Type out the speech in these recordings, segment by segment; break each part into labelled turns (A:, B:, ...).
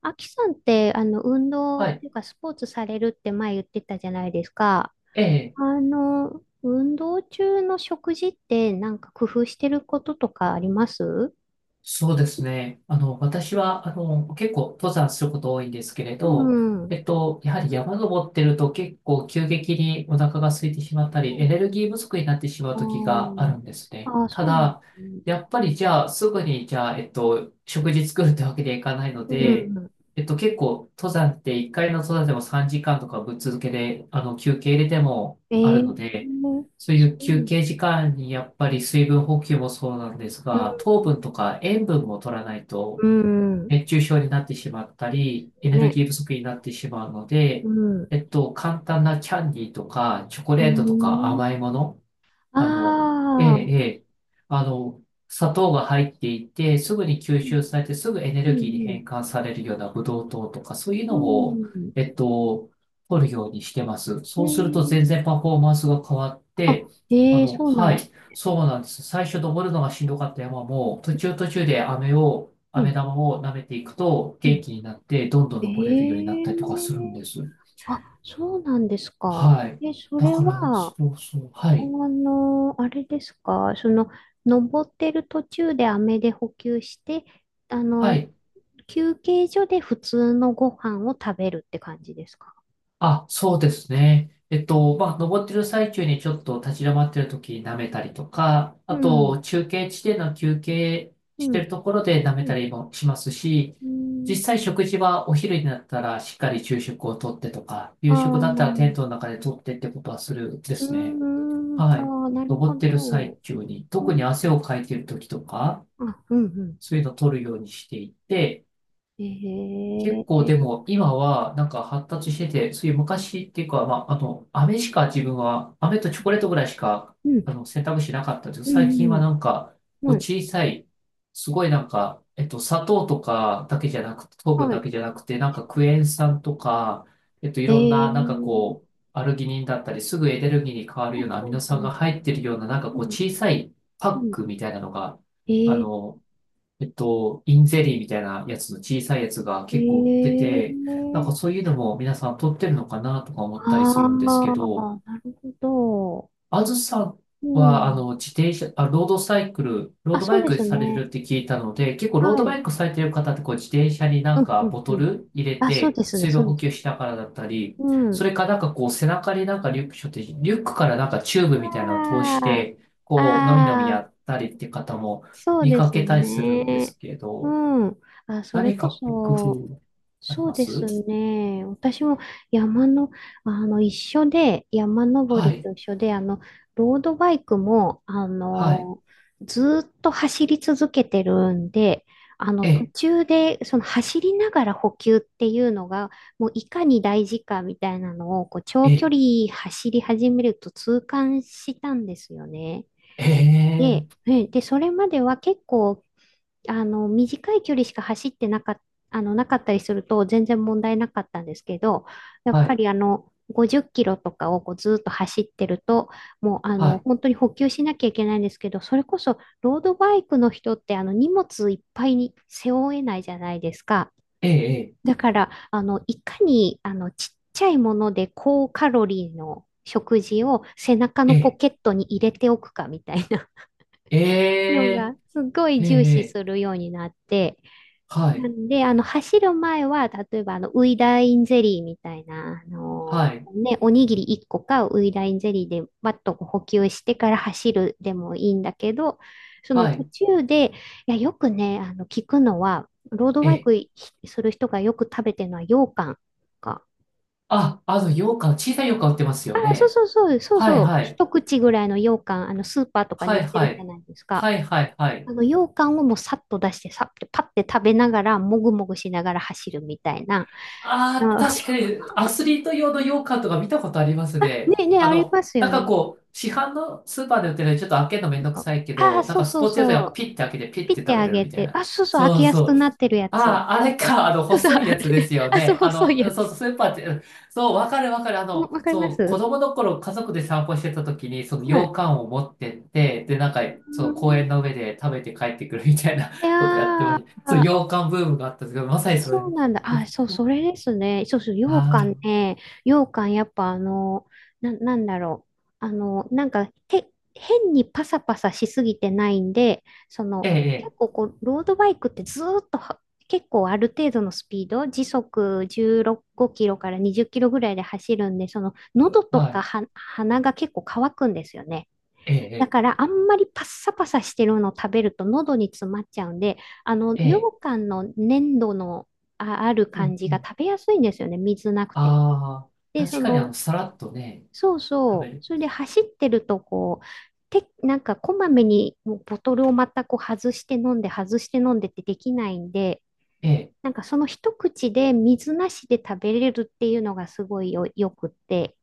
A: あきさんって、運動っ
B: はい。
A: ていうか、スポーツされるって前言ってたじゃないですか。
B: ええ、
A: 運動中の食事ってなんか工夫してることとかあります？
B: そうですね。私は、結構登山すること多いんですけれ
A: う
B: ど、
A: ん。
B: やはり山登ってると結構急激にお腹が空いてしまったり、エネルギー不足になってしまう
A: あ
B: 時があ
A: ー
B: るんですね。
A: あー、
B: た
A: そうなんで
B: だ、
A: すね。
B: やっぱりじゃあ、すぐに、じゃあ、えっと、食事作るってわけにはいかないの
A: う
B: で、
A: ん。
B: 結構、登山って1回の登山でも3時間とかぶっ続けで、休憩入れても
A: え
B: あるの
A: ー、
B: で、そうい
A: そ
B: う
A: う
B: 休
A: なん
B: 憩時間にやっぱり水分補給もそうなんですが、糖分とか塩分も取らない
A: う
B: と
A: ん。うん。
B: 熱中症になってしまった
A: そうです
B: り、エネ
A: よ
B: ル
A: ね。
B: ギー不足になってしまうの
A: う
B: で、
A: ん。う
B: 簡単なキャンディーとかチョコ
A: ー
B: レートとか
A: ん。
B: 甘いもの、
A: あ
B: あの、ええ、
A: あ。う
B: ええ、あの、砂糖が入っていて、すぐに吸
A: ん
B: 収されて、すぐエネ
A: う
B: ルギーに
A: ん。
B: 変換されるようなブドウ糖とか、そういう
A: う
B: のを、
A: ん。
B: えっと、取るようにしてます。
A: え
B: そうすると全
A: ー、
B: 然パフォーマンスが変わって、
A: あ、そうなん
B: はい、
A: です。
B: そうなんです。最初登るのがしんどかった山も、途中途中で
A: う
B: 飴
A: ん
B: 玉を舐めていくと元
A: う
B: 気になって、どんどん
A: ん。
B: 登れるようになっ
A: え
B: たりとかするん
A: え、
B: です。
A: あ、そうなんですか。
B: はい。
A: え、そ
B: だ
A: れ
B: から、
A: は、
B: そうそう、はい。
A: あれですか、登ってる途中で飴で補給して、あ
B: は
A: の、
B: い。
A: 休憩所で普通のご飯を食べるって感じですか。
B: あ、そうですね。まあ、登ってる最中にちょっと立ち止まってる時に舐めたりとか、
A: う
B: あ
A: ん、
B: と、中継地点の休憩
A: う
B: して
A: ん、
B: るところで舐め
A: う
B: た
A: ん、
B: りもしますし、
A: う
B: 実
A: ん、
B: 際食事はお昼になったらしっかり昼食をとってとか、
A: あ
B: 夕食
A: あ、
B: だっ
A: う
B: たらテ
A: ん、
B: ントの中でとってってことはするで
A: う
B: すね。
A: ん、
B: はい。
A: ああ、なる
B: 登
A: ほ
B: ってる最
A: ど。
B: 中に、
A: う
B: 特に
A: ん、
B: 汗をかいてる時とか、
A: あ、うん、うん。
B: そういうのを取るようにしていて、結
A: え
B: 構で
A: え、
B: も今はなんか発達してて、そういう昔っていうか、まあ、飴しか自分は、飴とチョコレートぐらいしか、
A: うん、
B: 選択肢なかったんですけど、
A: う
B: 最近は
A: ん、
B: なんか、
A: うん、
B: こう
A: はい、
B: 小さい、すごいなんか、砂糖とかだけじゃなくて、糖分
A: は
B: だ
A: い。
B: けじゃなくて、なんかクエン酸とか、いろん
A: え
B: な、なんか
A: え、
B: こう、アルギニンだったり、すぐエネルギーに変わる
A: う
B: よう
A: ん
B: なア
A: う
B: ミノ
A: んう
B: 酸が
A: ん
B: 入ってるような、なんか
A: う
B: こう、
A: ん
B: 小さいパ
A: う
B: ッ
A: ん、
B: クみたいなのが、あ
A: え
B: の、インゼリーみたいなやつの小さいやつが
A: ー、
B: 結構売って
A: え
B: て、なん
A: ー、
B: かそういうのも皆さん取ってるのかなとか思ったりす
A: ああ、
B: るんです
A: な
B: けど、
A: るほど。
B: あずさん
A: う
B: は、
A: ん。
B: 自転車、あ、ロードサイクル、ロー
A: あ、
B: ド
A: そ
B: バ
A: う
B: イ
A: で
B: ク
A: す
B: されて
A: ね。
B: るって聞いたので、結構ロー
A: は
B: ドバ
A: い。
B: イクされてる方ってこう自転車にな
A: う
B: ん
A: んう
B: か
A: ん
B: ボ
A: う
B: ト
A: ん。
B: ル入れ
A: あ、そう
B: て
A: ですね、
B: 水
A: そ
B: 分
A: うで
B: 補
A: す
B: 給
A: ね。
B: しながらだったり、
A: う
B: そ
A: ん。
B: れかなんかこう背中になんかリュック背負って、リュックからなんかチューブみたいなのを通し
A: あ
B: て、
A: あ、
B: こう、のみのみ
A: あ
B: や
A: あ、
B: ったりって方も
A: そう
B: 見
A: で
B: か
A: す
B: けたりするんで
A: ね。
B: すけ
A: う
B: ど、
A: ん。あ、それ
B: 何
A: こ
B: か工
A: そ、
B: 夫あり
A: そう
B: ま
A: で
B: す？
A: すね。私も山の、一緒で、山登
B: は
A: り
B: い、
A: と一緒で、ロードバイクも、
B: はい、
A: ずーっと走り続けてるんで、途
B: え、
A: 中で、走りながら補給っていうのが、もういかに大事かみたいなのを、長距
B: え、
A: 離走り始めると痛感したんですよね。
B: え
A: で、
B: え、
A: ねで、それまでは結構短い距離しか走ってなかっ、あの、なかったりすると全然問題なかったんですけど、やっ
B: は
A: ぱ
B: い、
A: り50キロとかをこうずーっと走ってると、もう
B: は
A: 本当に補給しなきゃいけないんですけど、それこそロードバイクの人って荷物いっぱいに背負えないじゃないですか。
B: い、え、え、
A: だから、いかにちっちゃいもので高カロリーの食事を背中のポ
B: え、
A: ケットに入れておくかみたいな
B: え、
A: の
B: え、
A: が、すごい
B: え、
A: 重視
B: え、
A: するようになって、
B: は
A: な
B: い、
A: んで、走る前は、例えば、ウイダインゼリーみたいな、
B: はい、
A: ね、おにぎり1個か、ウイダインゼリーで、バッとこう補給してから走るでもいいんだけど、その
B: は
A: 途
B: い、
A: 中で、いや、よくね、聞くのは、ロードバイ
B: え、
A: クする人がよく食べてるのは、羊羹か。
B: あ、羊羹、小さい羊羹売ってますよ
A: あ、そう
B: ね。
A: そうそう、そう
B: はい、
A: そう、
B: はい、
A: 一口ぐらいの羊羹、スーパーとかに
B: は
A: 売っ
B: い、
A: て
B: は
A: るじゃ
B: い、
A: ないですか。
B: はい、はい、はい、
A: 羊羹をもうさっと出して、さって、パッて食べながら、もぐもぐしながら走るみたいな。
B: ああ、
A: あ、
B: 確かにアスリート用の羊羹とか見たことありますね。
A: ねね、あります
B: なん
A: よ
B: か
A: ね。
B: こう、市販のスーパーで売ってるのにちょっと開けるのめんどく
A: そう。
B: さいけ
A: ああ、
B: ど、なん
A: そう
B: かス
A: そう
B: ポーツ屋さ
A: そ
B: が
A: う。
B: ピッて開けてピ
A: ピ
B: ッて
A: ッて
B: 食べ
A: あ
B: れる
A: げ
B: みたい
A: て。
B: な。
A: あ、そうそう、開
B: そ
A: け
B: う
A: やす
B: そ
A: く
B: う。
A: なってるや
B: あ
A: つ。
B: あ、あれか、
A: そうそう、
B: 細
A: あ
B: いやつで
A: れ。
B: すよ
A: あ、そう、
B: ね。
A: 細いや
B: そう
A: つ。
B: そう、スーパーって、うん、そう、わかるわかる。
A: もうわかりま
B: そう、子
A: す。
B: 供の頃家族で散歩してた時に、その
A: は
B: 羊
A: い。
B: 羹を持ってって、で、なんか、そ
A: うー
B: の
A: ん、
B: 公園の上で食べて帰ってくるみたいな
A: い
B: ことやってま
A: や
B: した。そう、
A: ー。
B: 羊羹ブームがあったんですけど、まさにそれ。
A: そうなんだ。あ、そう、それですね。そうそう、羊
B: あ
A: 羹
B: あ、
A: ね。羊羹、やっぱなんだろう。なんか、変にパサパサしすぎてないんで、
B: ええ、
A: 結
B: ええ、
A: 構こう、ロードバイクってずーっとは、結構ある程度のスピード、時速16キロから20キロぐらいで走るんで、喉と
B: は
A: か
B: い、
A: は鼻が結構乾くんですよね。
B: え
A: だ
B: え、
A: からあんまりパッサパサしてるのを食べると喉に詰まっちゃうんで、
B: え
A: 羊
B: え、ええ、
A: 羹の粘土のある
B: う
A: 感
B: ん、
A: じ
B: う
A: が
B: ん。
A: 食べやすいんですよね。水なくても。
B: ああ、
A: で、
B: 確かにさらっとね、
A: そう
B: 食べ
A: そう。
B: る。
A: それで走ってるとなんかこまめにもうボトルをまたこう外して飲んで外して飲んでってできないんで、
B: ええ、
A: なんかその一口で水なしで食べれるっていうのがすごいよくって、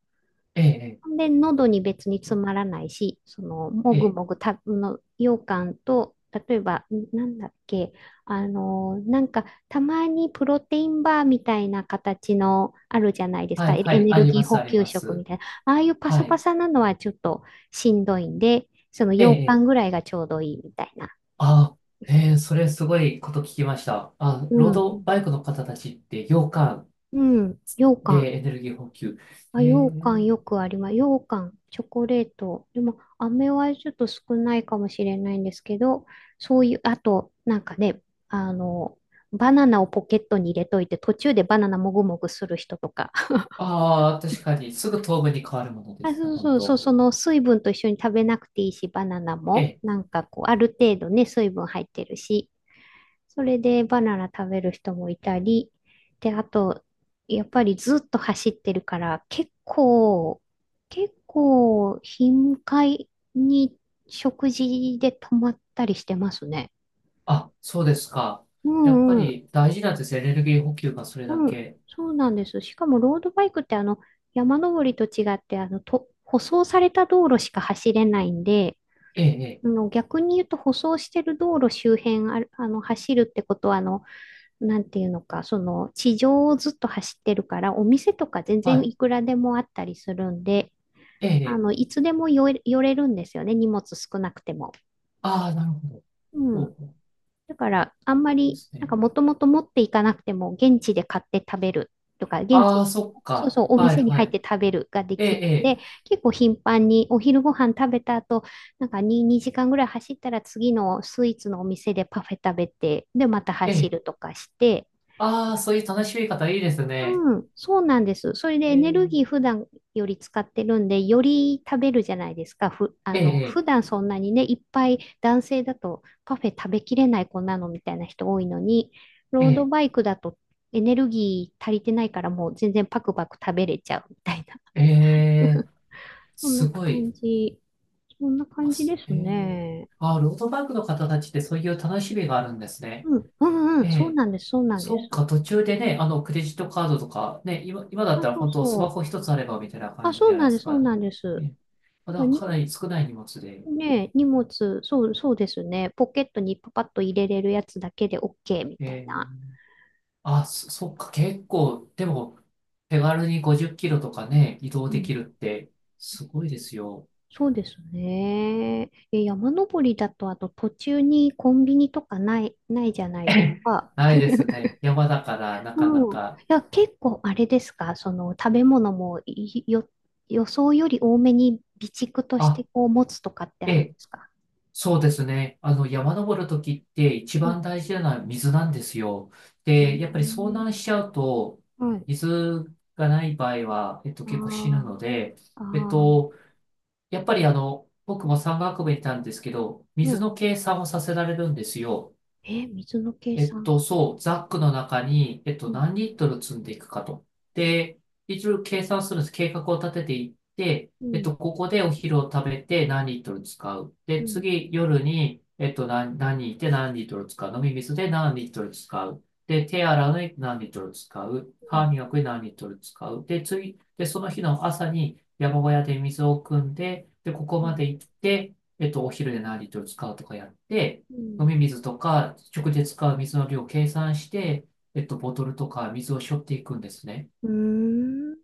B: ええ、
A: で、喉に別に詰まらないし、も
B: え
A: ぐ
B: え、ええ、
A: もぐた、の、羊羹と、例えば、んなんだっけ、なんか、たまにプロテインバーみたいな形のあるじゃないです
B: は
A: か、
B: い、
A: エ
B: は
A: エ
B: い、
A: ネ
B: あ
A: ル
B: り
A: ギ
B: ま
A: ー
B: す、
A: 補
B: あり
A: 給
B: ま
A: 食み
B: す。
A: たいな、ああいうパ
B: は
A: サパ
B: い、
A: サなのはちょっとしんどいんで、その
B: え
A: 羊羹
B: え、え
A: ぐ
B: え、
A: らいがちょうどいいみたいな。
B: ああ、ええ、それすごいこと聞きました。あ、
A: う
B: ロード
A: ん。
B: バイクの方たちって羊羹
A: うん、羊羹。
B: でエネルギー補給。
A: あ、
B: え
A: 羊
B: え、
A: 羹よくあります。羊羹、チョコレート。でも、飴はちょっと少ないかもしれないんですけど、そういう、あと、なんかね、あの、バナナをポケットに入れといて、途中でバナナもぐもぐする人とか。
B: ああ、確かに、すぐ糖分に変わるもので
A: あ、
B: すね、
A: そう
B: 本
A: そうそう、
B: 当。
A: その水分と一緒に食べなくていいし、バナナ
B: え
A: も、
B: え、
A: なんかこう、ある程度ね、水分入ってるし、それでバナナ食べる人もいたり、で、あと、やっぱりずっと走ってるから、結構、頻回に食事で止まったりしてますね。
B: あ、そうですか。
A: う
B: やっぱ
A: んうん、
B: り大事なんですよ、エネルギー補給がそれだ
A: うん、
B: け。
A: そうなんです。しかも、ロードバイクって、山登りと違って、舗装された道路しか走れないんで、
B: ええ、ええ、
A: 逆に言うと、舗装してる道路周辺ある、走るってことは、なんていうのか、その地上をずっと走ってるから、お店とか全然い
B: は
A: くらでもあったりするんで、
B: い。ええ。
A: いつでも寄れるんですよね、荷物少なくても。
B: ああ、なるほど。
A: う
B: そ
A: ん。
B: うそう
A: だから、あんま
B: で
A: り、
B: す
A: なん
B: ね。
A: かもともと持っていかなくても、現地で買って食べるとか、現
B: あ
A: 地、
B: あ、そっ
A: そう
B: か。
A: そう、お
B: は
A: 店
B: い
A: に
B: は
A: 入って
B: い。
A: 食べるがで
B: え
A: きるん
B: え、
A: で、結構頻繁にお昼ご飯食べた後、なんか 2, 2時間ぐらい走ったら次のスイーツのお店でパフェ食べて、で、また
B: ええ、え
A: 走る
B: え。
A: とかして、
B: ああ、そういう楽しみ方いいですね。
A: うん、そうなんです。それでエ
B: え
A: ネル
B: え、
A: ギー普段より使ってるんで、より食べるじゃないですか。ふ、あ
B: え
A: の、普
B: え、
A: 段そんなにね、いっぱい男性だとパフェ食べきれない子なのみたいな人多いのに、ロード
B: え
A: バイクだとエネルギー足りてないからもう全然パクパク食べれちゃうみたいな。
B: え、ええ。
A: そん
B: す
A: な
B: ご
A: 感
B: い。
A: じ。そんな
B: あ、
A: 感じで
B: す
A: す
B: ええ。
A: ね。
B: ああ、ロードバイクの方たちってそういう楽しみがあるんですね。
A: うん、うん、う
B: え
A: ん、そう
B: え。
A: なんです、そうなんで
B: そっ
A: す。
B: か、途中でね、クレジットカードとか、ね、今、今だっ
A: あ、
B: たら
A: そう
B: 本当ス
A: そ
B: マホ
A: う。
B: 一つあればみたいな
A: あ、
B: 感じ
A: そ
B: じ
A: う
B: ゃない
A: なん
B: で
A: で
B: す
A: す、そう
B: か。
A: なんです。
B: ええ、ま
A: なん
B: だ
A: か
B: か
A: に
B: なり少ない荷物で。
A: ねえ、荷物、そう、そうですね。ポケットにパパッと入れれるやつだけで OK み
B: え
A: たいな。
B: え。あ、そっか、結構、でも、手軽に50キロとかね、移動
A: う
B: で
A: ん。
B: きるって、すごいですよ。
A: そうですね。え、山登りだと、あと途中にコンビニとかない、ないじゃな いです
B: え、
A: か。
B: ないです ね。山だから、なかな
A: うん。い
B: か。
A: や、結構あれですか、その食べ物もいよ、予想より多めに備蓄とし
B: あ、
A: てこう持つとかって
B: え
A: あるんで
B: え、
A: すか？
B: そうですね。山登るときって一
A: う
B: 番
A: ん。
B: 大事なのは水なんですよ。
A: へえ、
B: で、やっぱり遭難しちゃうと、
A: はい。
B: 水がない場合は、結構死ぬ
A: あ
B: ので、
A: あ、あ
B: えっ
A: あ、
B: と、やっぱり僕も山岳部にいたんですけど、
A: う
B: 水
A: ん。
B: の計算をさせられるんですよ。
A: え、水の計算。
B: そう、ザックの中に、
A: うん。
B: 何リットル積んでいくかと。で、一応計算するんです。計画を立てていって、
A: うん。
B: ここでお昼を食べて何リットル使う。
A: う
B: で、
A: ん、
B: 次、夜に、何いて何リットル使う。飲み水で何リットル使う。で、手洗うのに何リットル使う。
A: う
B: 歯
A: ん、
B: 磨くに何リットル使う。で、次、で、その日の朝に山小屋で水を汲んで、で、ここ
A: う
B: ま
A: ん、
B: で行って、お昼で何リットル使うとかやって、
A: う
B: 飲み
A: ん。
B: 水とか、直で使う水の量を計算して、ボトルとか水を背負っていくんですね。
A: うーん、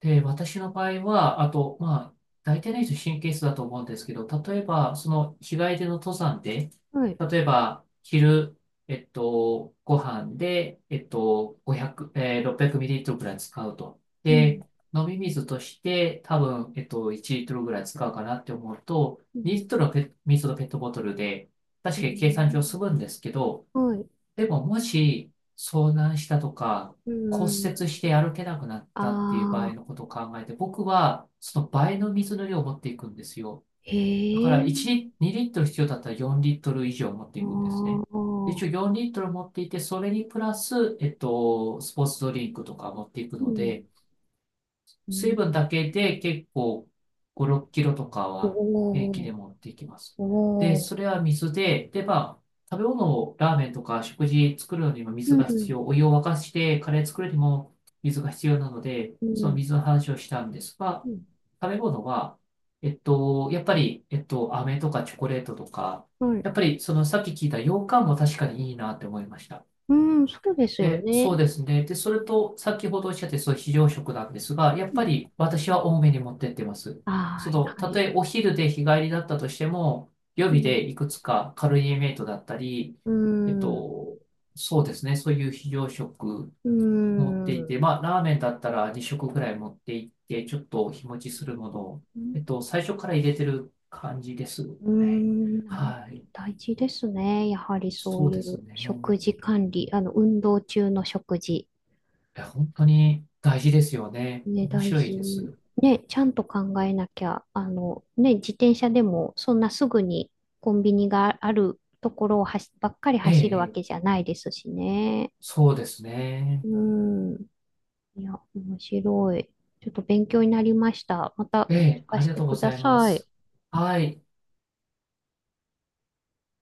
B: で、私の場合は、あと、まあ、大体の人神経質だと思うんですけど、例えば、その日帰りでの登山で、
A: はい。
B: 例えば、昼、ご飯で、500、えー、600ml ぐらい使うと。
A: う
B: で、
A: ん、
B: 飲み水として多分、1リットルぐらい使うかなって思うと、
A: う
B: 2
A: ん、
B: リットルのペ水のペットボトルで、
A: う
B: 確
A: ーん、
B: かに計算上済むんですけど、
A: はい。
B: でも、もし、遭難したとか、
A: う
B: 骨
A: ー
B: 折
A: ん。
B: して歩けなくなっ
A: あ
B: たっていう場合
A: あ、
B: のことを考えて、僕は、その倍の水の量を持っていくんですよ。
A: へ
B: だから、
A: え。
B: 1リ、2リットル必要だったら4リットル以上持って
A: あ
B: いくんですね。一
A: あ、
B: 応4リットル持っていて、それにプラス、スポーツドリンクとか持っていく
A: う
B: の
A: ん、
B: で、
A: う
B: 水
A: ん。
B: 分だけで結構5、6キロとか
A: お
B: は平気
A: お、
B: で持っていきます。
A: お
B: で、
A: お。
B: それは水で、で、まあ、食べ物をラーメンとか食事作るのにも
A: う
B: 水が必
A: ん、
B: 要、お湯を沸かしてカレー作るにも水が必要なので、
A: う
B: その
A: ん、
B: 水の話をしたんですが、
A: うん。
B: 食べ物は、やっぱり、飴とかチョコレートとか、
A: はい。
B: やっぱりそのさっき聞いた羊羹も確かにいいなって思いました。
A: うん、そうですよ
B: で、そう
A: ね。
B: ですね。で、それと、先ほどおっしゃって、そう、非常食なんですが、やっ
A: う
B: ぱ
A: ん。
B: り私は多めに持ってってます。
A: あ
B: そ
A: あ、や
B: の、
A: は
B: たと
A: り。
B: えお昼で日帰りだったとしても、予
A: う
B: 備で
A: ん、
B: いくつかカロリーメイトだったり、
A: うー
B: えっ
A: ん、う
B: と、そうですね。そういう非常食
A: ー
B: 持ってい
A: ん。
B: て、まあ、ラーメンだったら2食ぐらい持っていって、ちょっと日持ちするものを、
A: うん、
B: 最初から入れてる感じです
A: うー
B: ね。
A: ん、なるほど。
B: はい。
A: 大事ですね。やはりそう
B: そう
A: い
B: です
A: う
B: ね。
A: 食事管理、運動中の食事。
B: や、本当に大事ですよね。
A: ね、
B: 面
A: 大
B: 白い
A: 事
B: で
A: に。
B: す。
A: ね、ちゃんと考えなきゃ、ね、自転車でもそんなすぐにコンビニがあるところをはしばっかり
B: え
A: 走るわ
B: え、え
A: けじ
B: え、
A: ゃないですしね。
B: そうです
A: う
B: ね。
A: ん。いや、面白い。ちょっと勉強になりました。また
B: え
A: 聞
B: え、
A: か
B: あり
A: せ
B: が
A: て
B: とうご
A: くだ
B: ざいま
A: さい。
B: す。はい。